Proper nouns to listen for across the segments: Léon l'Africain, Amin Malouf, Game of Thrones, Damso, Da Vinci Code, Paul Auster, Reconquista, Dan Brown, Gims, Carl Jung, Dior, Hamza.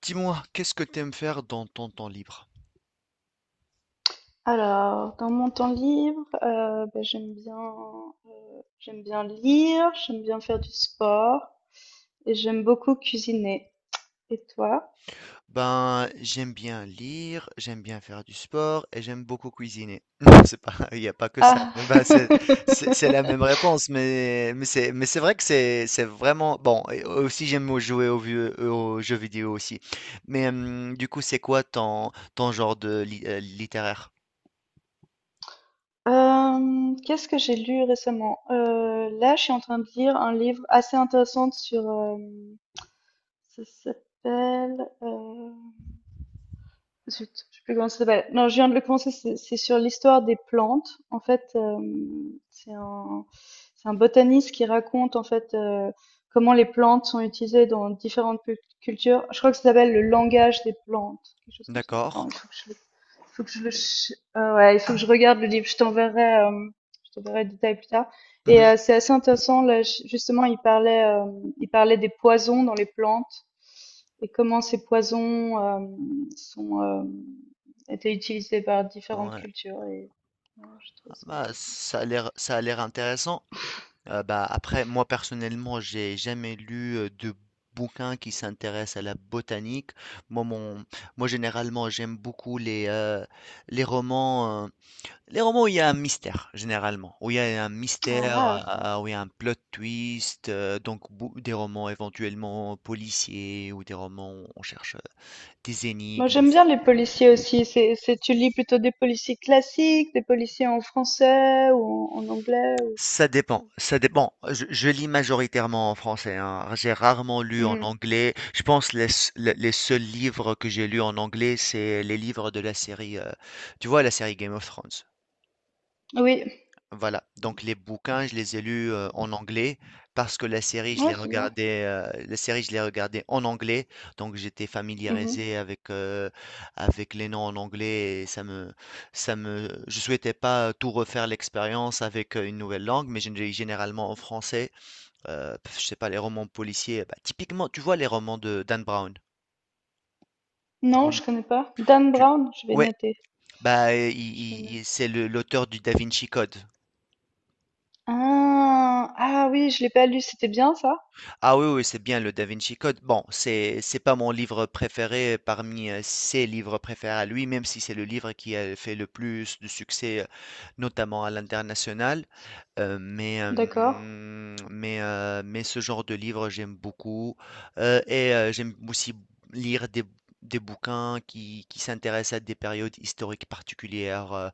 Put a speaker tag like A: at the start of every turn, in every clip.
A: Dis-moi, qu'est-ce que tu aimes faire dans ton temps libre?
B: Alors, dans mon temps libre, bah, j'aime bien lire, j'aime bien faire du sport et j'aime beaucoup cuisiner. Et toi?
A: Ben, j'aime bien lire, j'aime bien faire du sport et j'aime beaucoup cuisiner. Non, c'est pas, il n'y a pas que ça.
B: Ah.
A: Ben, c'est, c'est la même réponse, mais c'est vrai que c'est vraiment bon. Et aussi, jouer aux jeux vidéo aussi. Mais du coup, c'est quoi ton genre de littéraire?
B: Qu'est-ce que j'ai lu récemment? Là, je suis en train de lire un livre assez intéressant sur. Ça s'appelle, zut, je sais plus comment ça s'appelle. Non, je viens de le commencer, c'est sur l'histoire des plantes. En fait, c'est un, c'est un botaniste qui raconte en fait, comment les plantes sont utilisées dans différentes cultures. Je crois que ça s'appelle le langage des plantes, quelque chose comme ça.
A: D'accord.
B: Attends, il faut que je le, il faut que je le, ch- ouais, il faut que je regarde le livre. Je t'enverrai le détail plus tard. Et
A: Mhm.
B: c'est assez intéressant. Là, justement, il parlait des poisons dans les plantes. Et comment ces poisons sont étaient utilisés par différentes
A: Ouais.
B: cultures et ouais, je trouve
A: Ah,
B: ça
A: bah,
B: intéressant.
A: ça a l'air intéressant. Bah, après, moi personnellement, j'ai jamais lu de bouquins qui s'intéressent à la botanique. Moi, mon, moi, généralement, j'aime beaucoup les les romans, où il y a un mystère,
B: Ah,
A: où il y a un plot twist, donc des romans éventuellement policiers ou des romans où on cherche des
B: moi
A: énigmes.
B: j'aime bien les policiers aussi. Tu lis plutôt des policiers classiques, des policiers en français ou en anglais ou...
A: Ça dépend. Je lis majoritairement en français, hein. J'ai rarement lu en
B: Mhm.
A: anglais. Je pense les seuls livres que j'ai lus en anglais, c'est les livres de la tu vois, la série Game of Thrones.
B: Oui,
A: Voilà, donc les bouquins, je les ai lus, en anglais parce que la série, je
B: ouais,
A: les
B: c'est bien.
A: regardais en anglais, donc j'étais
B: Mhm.
A: familiarisé avec les noms en anglais et ça me je souhaitais pas tout refaire l'expérience avec, une nouvelle langue, mais je lis généralement en français, je sais pas, les romans policiers, bah, typiquement, tu vois les romans de Dan Brown?
B: Non,
A: On
B: je connais pas. Dan
A: tu
B: Brown, je vais
A: Ouais,
B: noter.
A: bah, i
B: Je vais
A: i i
B: noter.
A: c'est le l'auteur du Da Vinci Code.
B: Ah, ah oui, je l'ai pas lu. C'était bien ça?
A: Ah oui, oui, c'est bien le Da Vinci Code. Bon, c'est pas mon livre préféré parmi ses livres préférés à lui, même si c'est le livre qui a fait le plus de succès, notamment à l'international. Mais hem,
B: D'accord.
A: mais Mais ce genre de livre, j'aime beaucoup, j'aime aussi lire des bouquins qui s'intéressent à des périodes historiques particulières, heu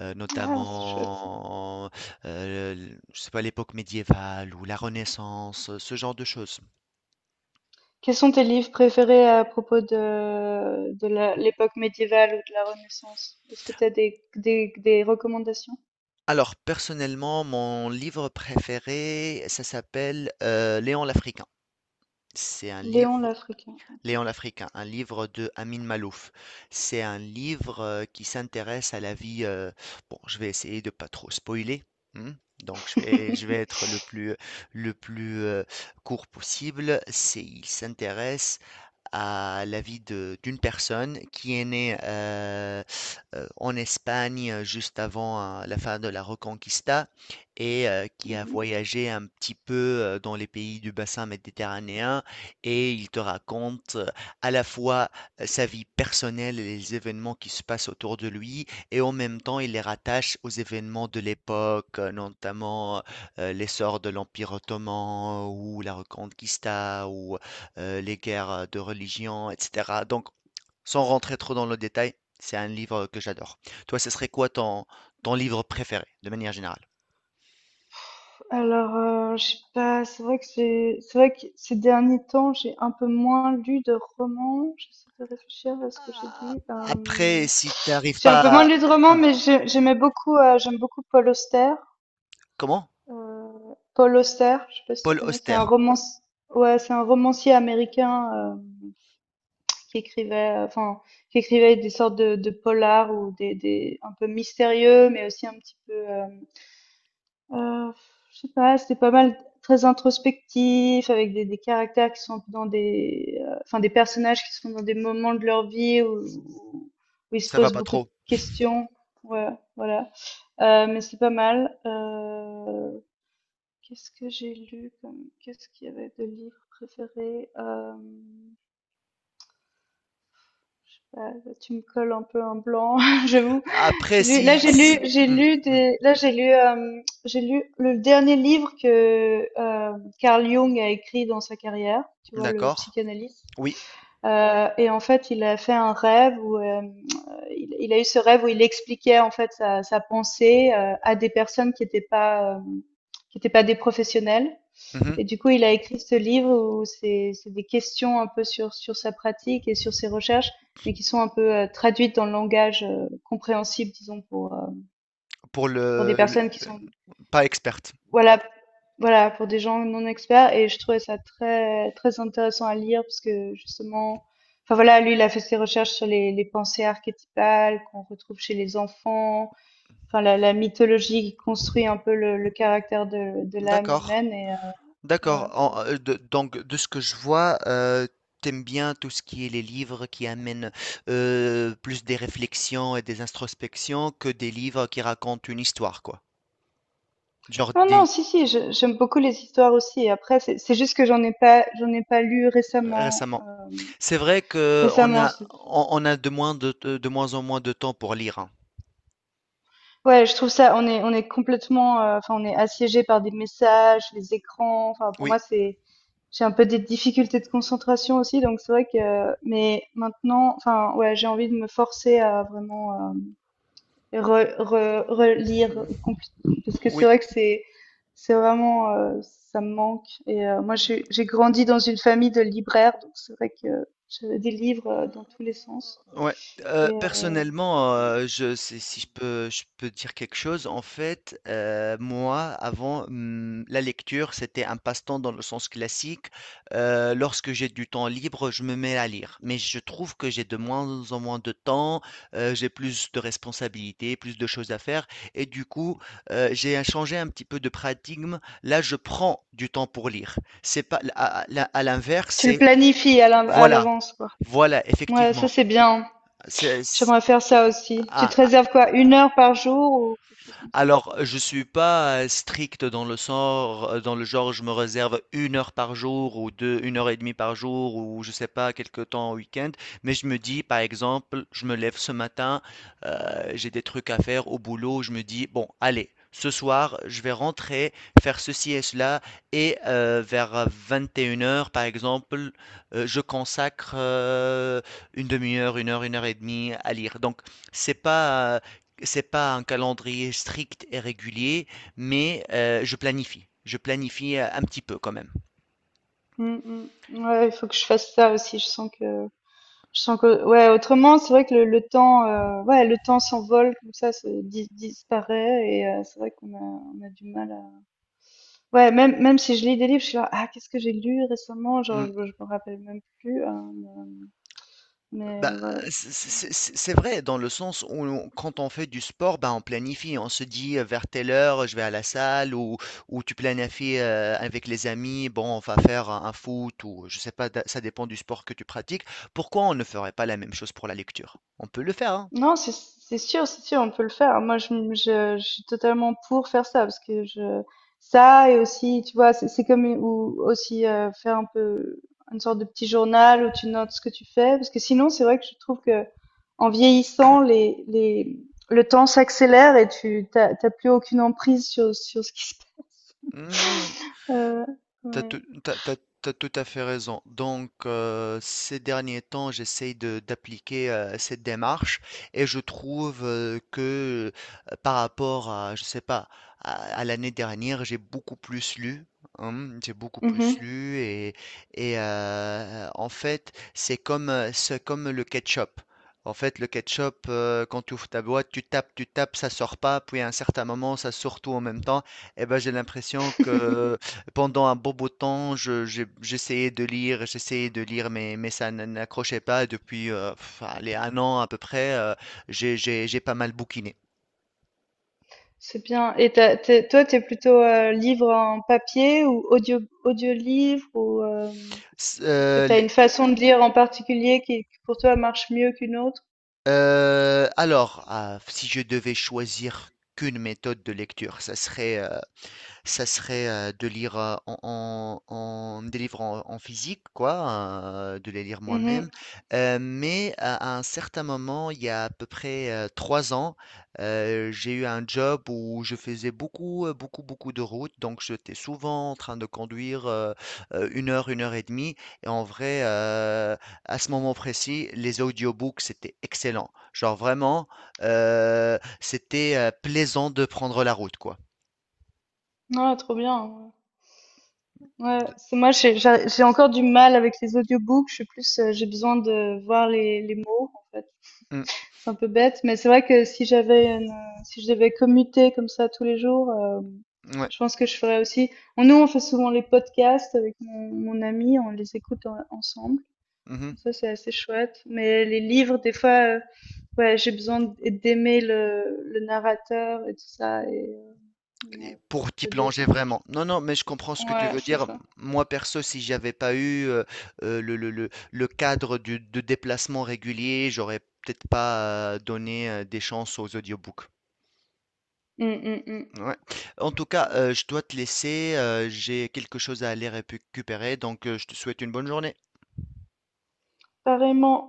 A: heu,
B: Ah, c'est chouette.
A: notamment, l je sais pas, l'époque médiévale ou la Renaissance, ce genre de choses.
B: Quels sont tes livres préférés à propos de l'époque médiévale ou de la Renaissance? Est-ce que tu as des recommandations?
A: Alors personnellement, mon livre préféré, ça s'appelle, Léon l'Africain. C'est un
B: Léon
A: livre
B: l'Africain. Ok.
A: Léon l'Africain, un livre de Amin Malouf. C'est un livre qui s'intéresse à la vie. Bon, je vais essayer de pas trop spoiler, hein. Donc je vais être le plus court possible. C'est, il s'intéresse à la vie de d'une personne qui est née en Espagne juste avant la fin de la Reconquista et qui a
B: Mhm.
A: voyagé un petit peu dans les pays du bassin méditerranéen et il te raconte à la fois sa vie personnelle et les événements qui se passent autour de lui et en même temps il les rattache aux événements de l'époque, notamment l'essor de l'Empire ottoman ou la Reconquista ou les guerres de religion, etc. Donc, sans rentrer trop dans le détail, c'est un livre que j'adore. Toi, ce serait quoi ton livre préféré, de manière générale?
B: Alors, je sais pas, c'est vrai que c'est vrai que ces derniers temps, j'ai un peu moins lu de romans. J'essaie de réfléchir à ce que j'ai lu.
A: Après, si tu n'arrives
B: J'ai un
A: pas
B: peu moins
A: à...
B: lu de romans,
A: Hmm,
B: mais
A: hmm.
B: j'aime beaucoup Paul Auster.
A: Comment?
B: Paul Auster, je sais pas si tu
A: Paul
B: connais, c'est
A: Auster.
B: un romance ouais, c'est un romancier américain, qui écrivait, heu, enfin, qui écrivait des sortes de polars ou des un peu mystérieux, mais aussi un petit peu, heu, je sais pas, c'était pas mal très introspectif avec des caractères qui sont un peu dans des personnages qui sont dans des moments de leur vie où ils se
A: Ça va
B: posent
A: pas
B: beaucoup de
A: trop.
B: questions. Ouais, voilà, mais c'est pas mal. Qu'est-ce que j'ai lu comme qu'est-ce qu'il y avait de livres préférés? Je sais pas, là, tu me colles un peu un blanc, j'avoue.
A: Après,
B: J'ai lu, là
A: si-
B: j'ai
A: hmm,
B: lu
A: hmm,
B: des, là j'ai lu, hem, J'ai lu le dernier livre que Carl Jung a écrit dans sa carrière. Tu vois, le
A: d'accord.
B: psychanalyste.
A: Oui.
B: Et en fait, il a fait un rêve où il a eu ce rêve où il expliquait en fait sa pensée, à des personnes qui n'étaient pas qui n'étaient pas des professionnels.
A: Mhm.
B: Et du coup, il a écrit ce livre où c'est des questions un peu sur sa pratique et sur ses recherches, mais qui sont un peu traduites dans le langage compréhensible, disons pour euh,
A: Pour
B: pour des personnes qui
A: le-
B: sont
A: pas experte.
B: voilà, voilà, pour des gens non experts. Et je trouvais ça très très intéressant à lire parce que justement, enfin voilà, lui il a fait ses recherches sur les pensées archétypales qu'on retrouve chez les enfants, enfin la mythologie qui construit un peu le caractère de l'âme
A: D'accord.
B: humaine et voilà,
A: D'accord.
B: c'est
A: Donc, de ce que je vois, t'aimes bien tout ce qui est les livres qui amènent plus des réflexions et des introspections que des livres qui racontent une histoire, quoi. Genre
B: Non, non,
A: des-
B: si, si, j'aime beaucoup les histoires aussi. Après, c'est juste que j'en ai pas lu récemment.
A: récemment.
B: euh,
A: C'est vrai que
B: récemment,
A: on a de de, moins en moins de temps pour lire, hein.
B: ouais, je trouve ça, on est complètement, enfin, on est assiégé par des messages, les écrans. Enfin, pour
A: Oui.
B: moi, c'est, j'ai un peu des difficultés de concentration aussi, donc c'est vrai que, mais maintenant, enfin, ouais, j'ai envie de me forcer à vraiment, relire parce que c'est
A: Oui,
B: vrai que c'est vraiment, ça me manque et moi j'ai
A: mmh,
B: j'ai grandi dans une famille de libraires donc c'est vrai que j'avais des livres dans tous les sens
A: ouais.
B: et
A: Personnellement,
B: ouais.
A: je si je peux dire quelque chose, en fait, moi, avant, la lecture, c'était un passe-temps dans le sens classique. Lorsque j'ai du temps libre, je me mets à lire. Mais je trouve que j'ai de moins en moins de temps, j'ai plus de responsabilités, plus de choses à faire et du coup, j'ai changé un petit peu de paradigme. Là, je prends du temps pour lire. C'est pas à à À l'inverse,
B: Tu le
A: c'est
B: planifies à
A: voilà,
B: l'avance quoi.
A: voilà,
B: Ouais, ça
A: effectivement.
B: c'est bien.
A: C'est, c'est-
B: J'aimerais faire ça aussi. Tu
A: ah,
B: te
A: ah,
B: réserves quoi, une heure par jour ou quelque chose comme ça?
A: alors, je suis pas strict dans le sort, dans le genre, je me réserve une heure par jour ou deux, une heure et demie par jour ou je sais pas, quelque temps au week-end. Mais je me dis, par exemple, je me lève ce matin, j'ai des trucs à faire au boulot, je me dis, bon, allez, ce soir, je vais rentrer, faire ceci et cela et vers 21 heures par exemple, je consacre une demi-heure, une heure et demie à lire. Donc, c'est pas c'est pas un calendrier strict et régulier, mais je planifie. Je planifie un petit peu quand même.
B: Mm, mm. Ouais, il faut que je fasse ça aussi. Je sens que ouais, autrement, c'est vrai que le temps, ouais, le temps s'envole comme ça, se dis disparaît et c'est vrai qu'on a du mal à ouais, même si je lis des livres, je suis là: «Ah, qu'est-ce que j'ai lu récemment?»
A: Mm.
B: Genre je me rappelle même plus, mais
A: Bah,
B: mais ouais, c'est sûr
A: c'est vrai dans le sens où quand on fait du sport, bah, on planifie. On se dit vers telle heure, je vais à la salle ou tu planifies avec les amis, bon, on va faire un foot ou je sais pas, ça dépend du sport que tu pratiques. Pourquoi on ne ferait pas la même chose pour la lecture? On peut le faire, hein.
B: Non, c'est sûr, c'est sûr, on peut le faire. Moi, je suis totalement pour faire ça parce que je ça et aussi, tu vois, c'est comme ou aussi faire un peu une sorte de petit journal où tu notes ce que tu fais parce que sinon, c'est vrai que je trouve que en vieillissant, les le temps s'accélère et tu t'as plus aucune emprise sur ce qui se passe.
A: Mm,
B: Euh,
A: T'as
B: ouais.
A: tout, t'as- t'as- t'as tout à fait raison. Donc, ces derniers temps, d'appliquer cette démarche et je trouve que par rapport à, je sais pas, à, à l'année dernière, j'ai beaucoup plus lu, hein, j'ai beaucoup plus
B: Mhm.
A: lu et, en fait, c'est comme le ketchup. En fait, le ketchup, quand tu ouvres ta boîte, tu tapes, ça sort pas, puis à un certain moment, ça sort tout en même temps. Et ben, j'ai l'impression que pendant un bon bout de temps, j'essayais de lire, mais ça n'accrochait pas. Depuis allez, 1 an à peu près, j'ai pas mal bouquiné.
B: C'est bien. Et t'es plutôt livre en papier ou audio livre ou
A: S-
B: Est-ce que
A: euh,
B: tu as
A: les-
B: une façon de lire en particulier qui pour toi marche mieux qu'une autre?
A: alors, ah, si je devais choisir qu'une méthode de lecture, ça serait Ça serait de lire des livres en, en physique, quoi, de les lire moi-même.
B: Mhm.
A: Mais à un certain moment, il y a à peu près 3 ans, j'ai eu un job où je faisais beaucoup de routes. Donc, j'étais souvent en train de conduire une heure et demie. Et en vrai, à ce moment précis, les audiobooks, c'était excellent. Genre vraiment, c'était plaisant de prendre la route, quoi.
B: Ah, trop bien. Ouais,
A: De-
B: c'est moi j'ai encore du mal avec les audiobooks, je suis plus j'ai besoin de voir les mots en fait.
A: Mm,
B: C'est un peu bête, mais c'est vrai que si j'avais une si je devais commuter comme ça tous les jours,
A: ouais.
B: je pense que je ferais aussi. Nous, on fait souvent les podcasts avec mon ami, on les écoute ensemble.
A: Mmh
B: Ça, c'est assez chouette. Mais les livres, des fois, ouais, j'ai besoin d'aimer le narrateur et tout ça. Et
A: et
B: ouais,
A: pour t'y
B: ça
A: plonger
B: dépend.
A: vraiment. Non, non, mais je comprends ce que tu
B: Ouais,
A: veux
B: c'est
A: dire.
B: ça.
A: Moi perso, si j'avais pas eu, le cadre du de déplacement régulier, j'aurais peut-être pas, donné, des chances aux audiobooks.
B: Mm, mm, mm.
A: Ouais. En tout cas, je dois te laisser, j'ai quelque chose à aller récupérer. Donc, je te souhaite une bonne journée.
B: Pareillement.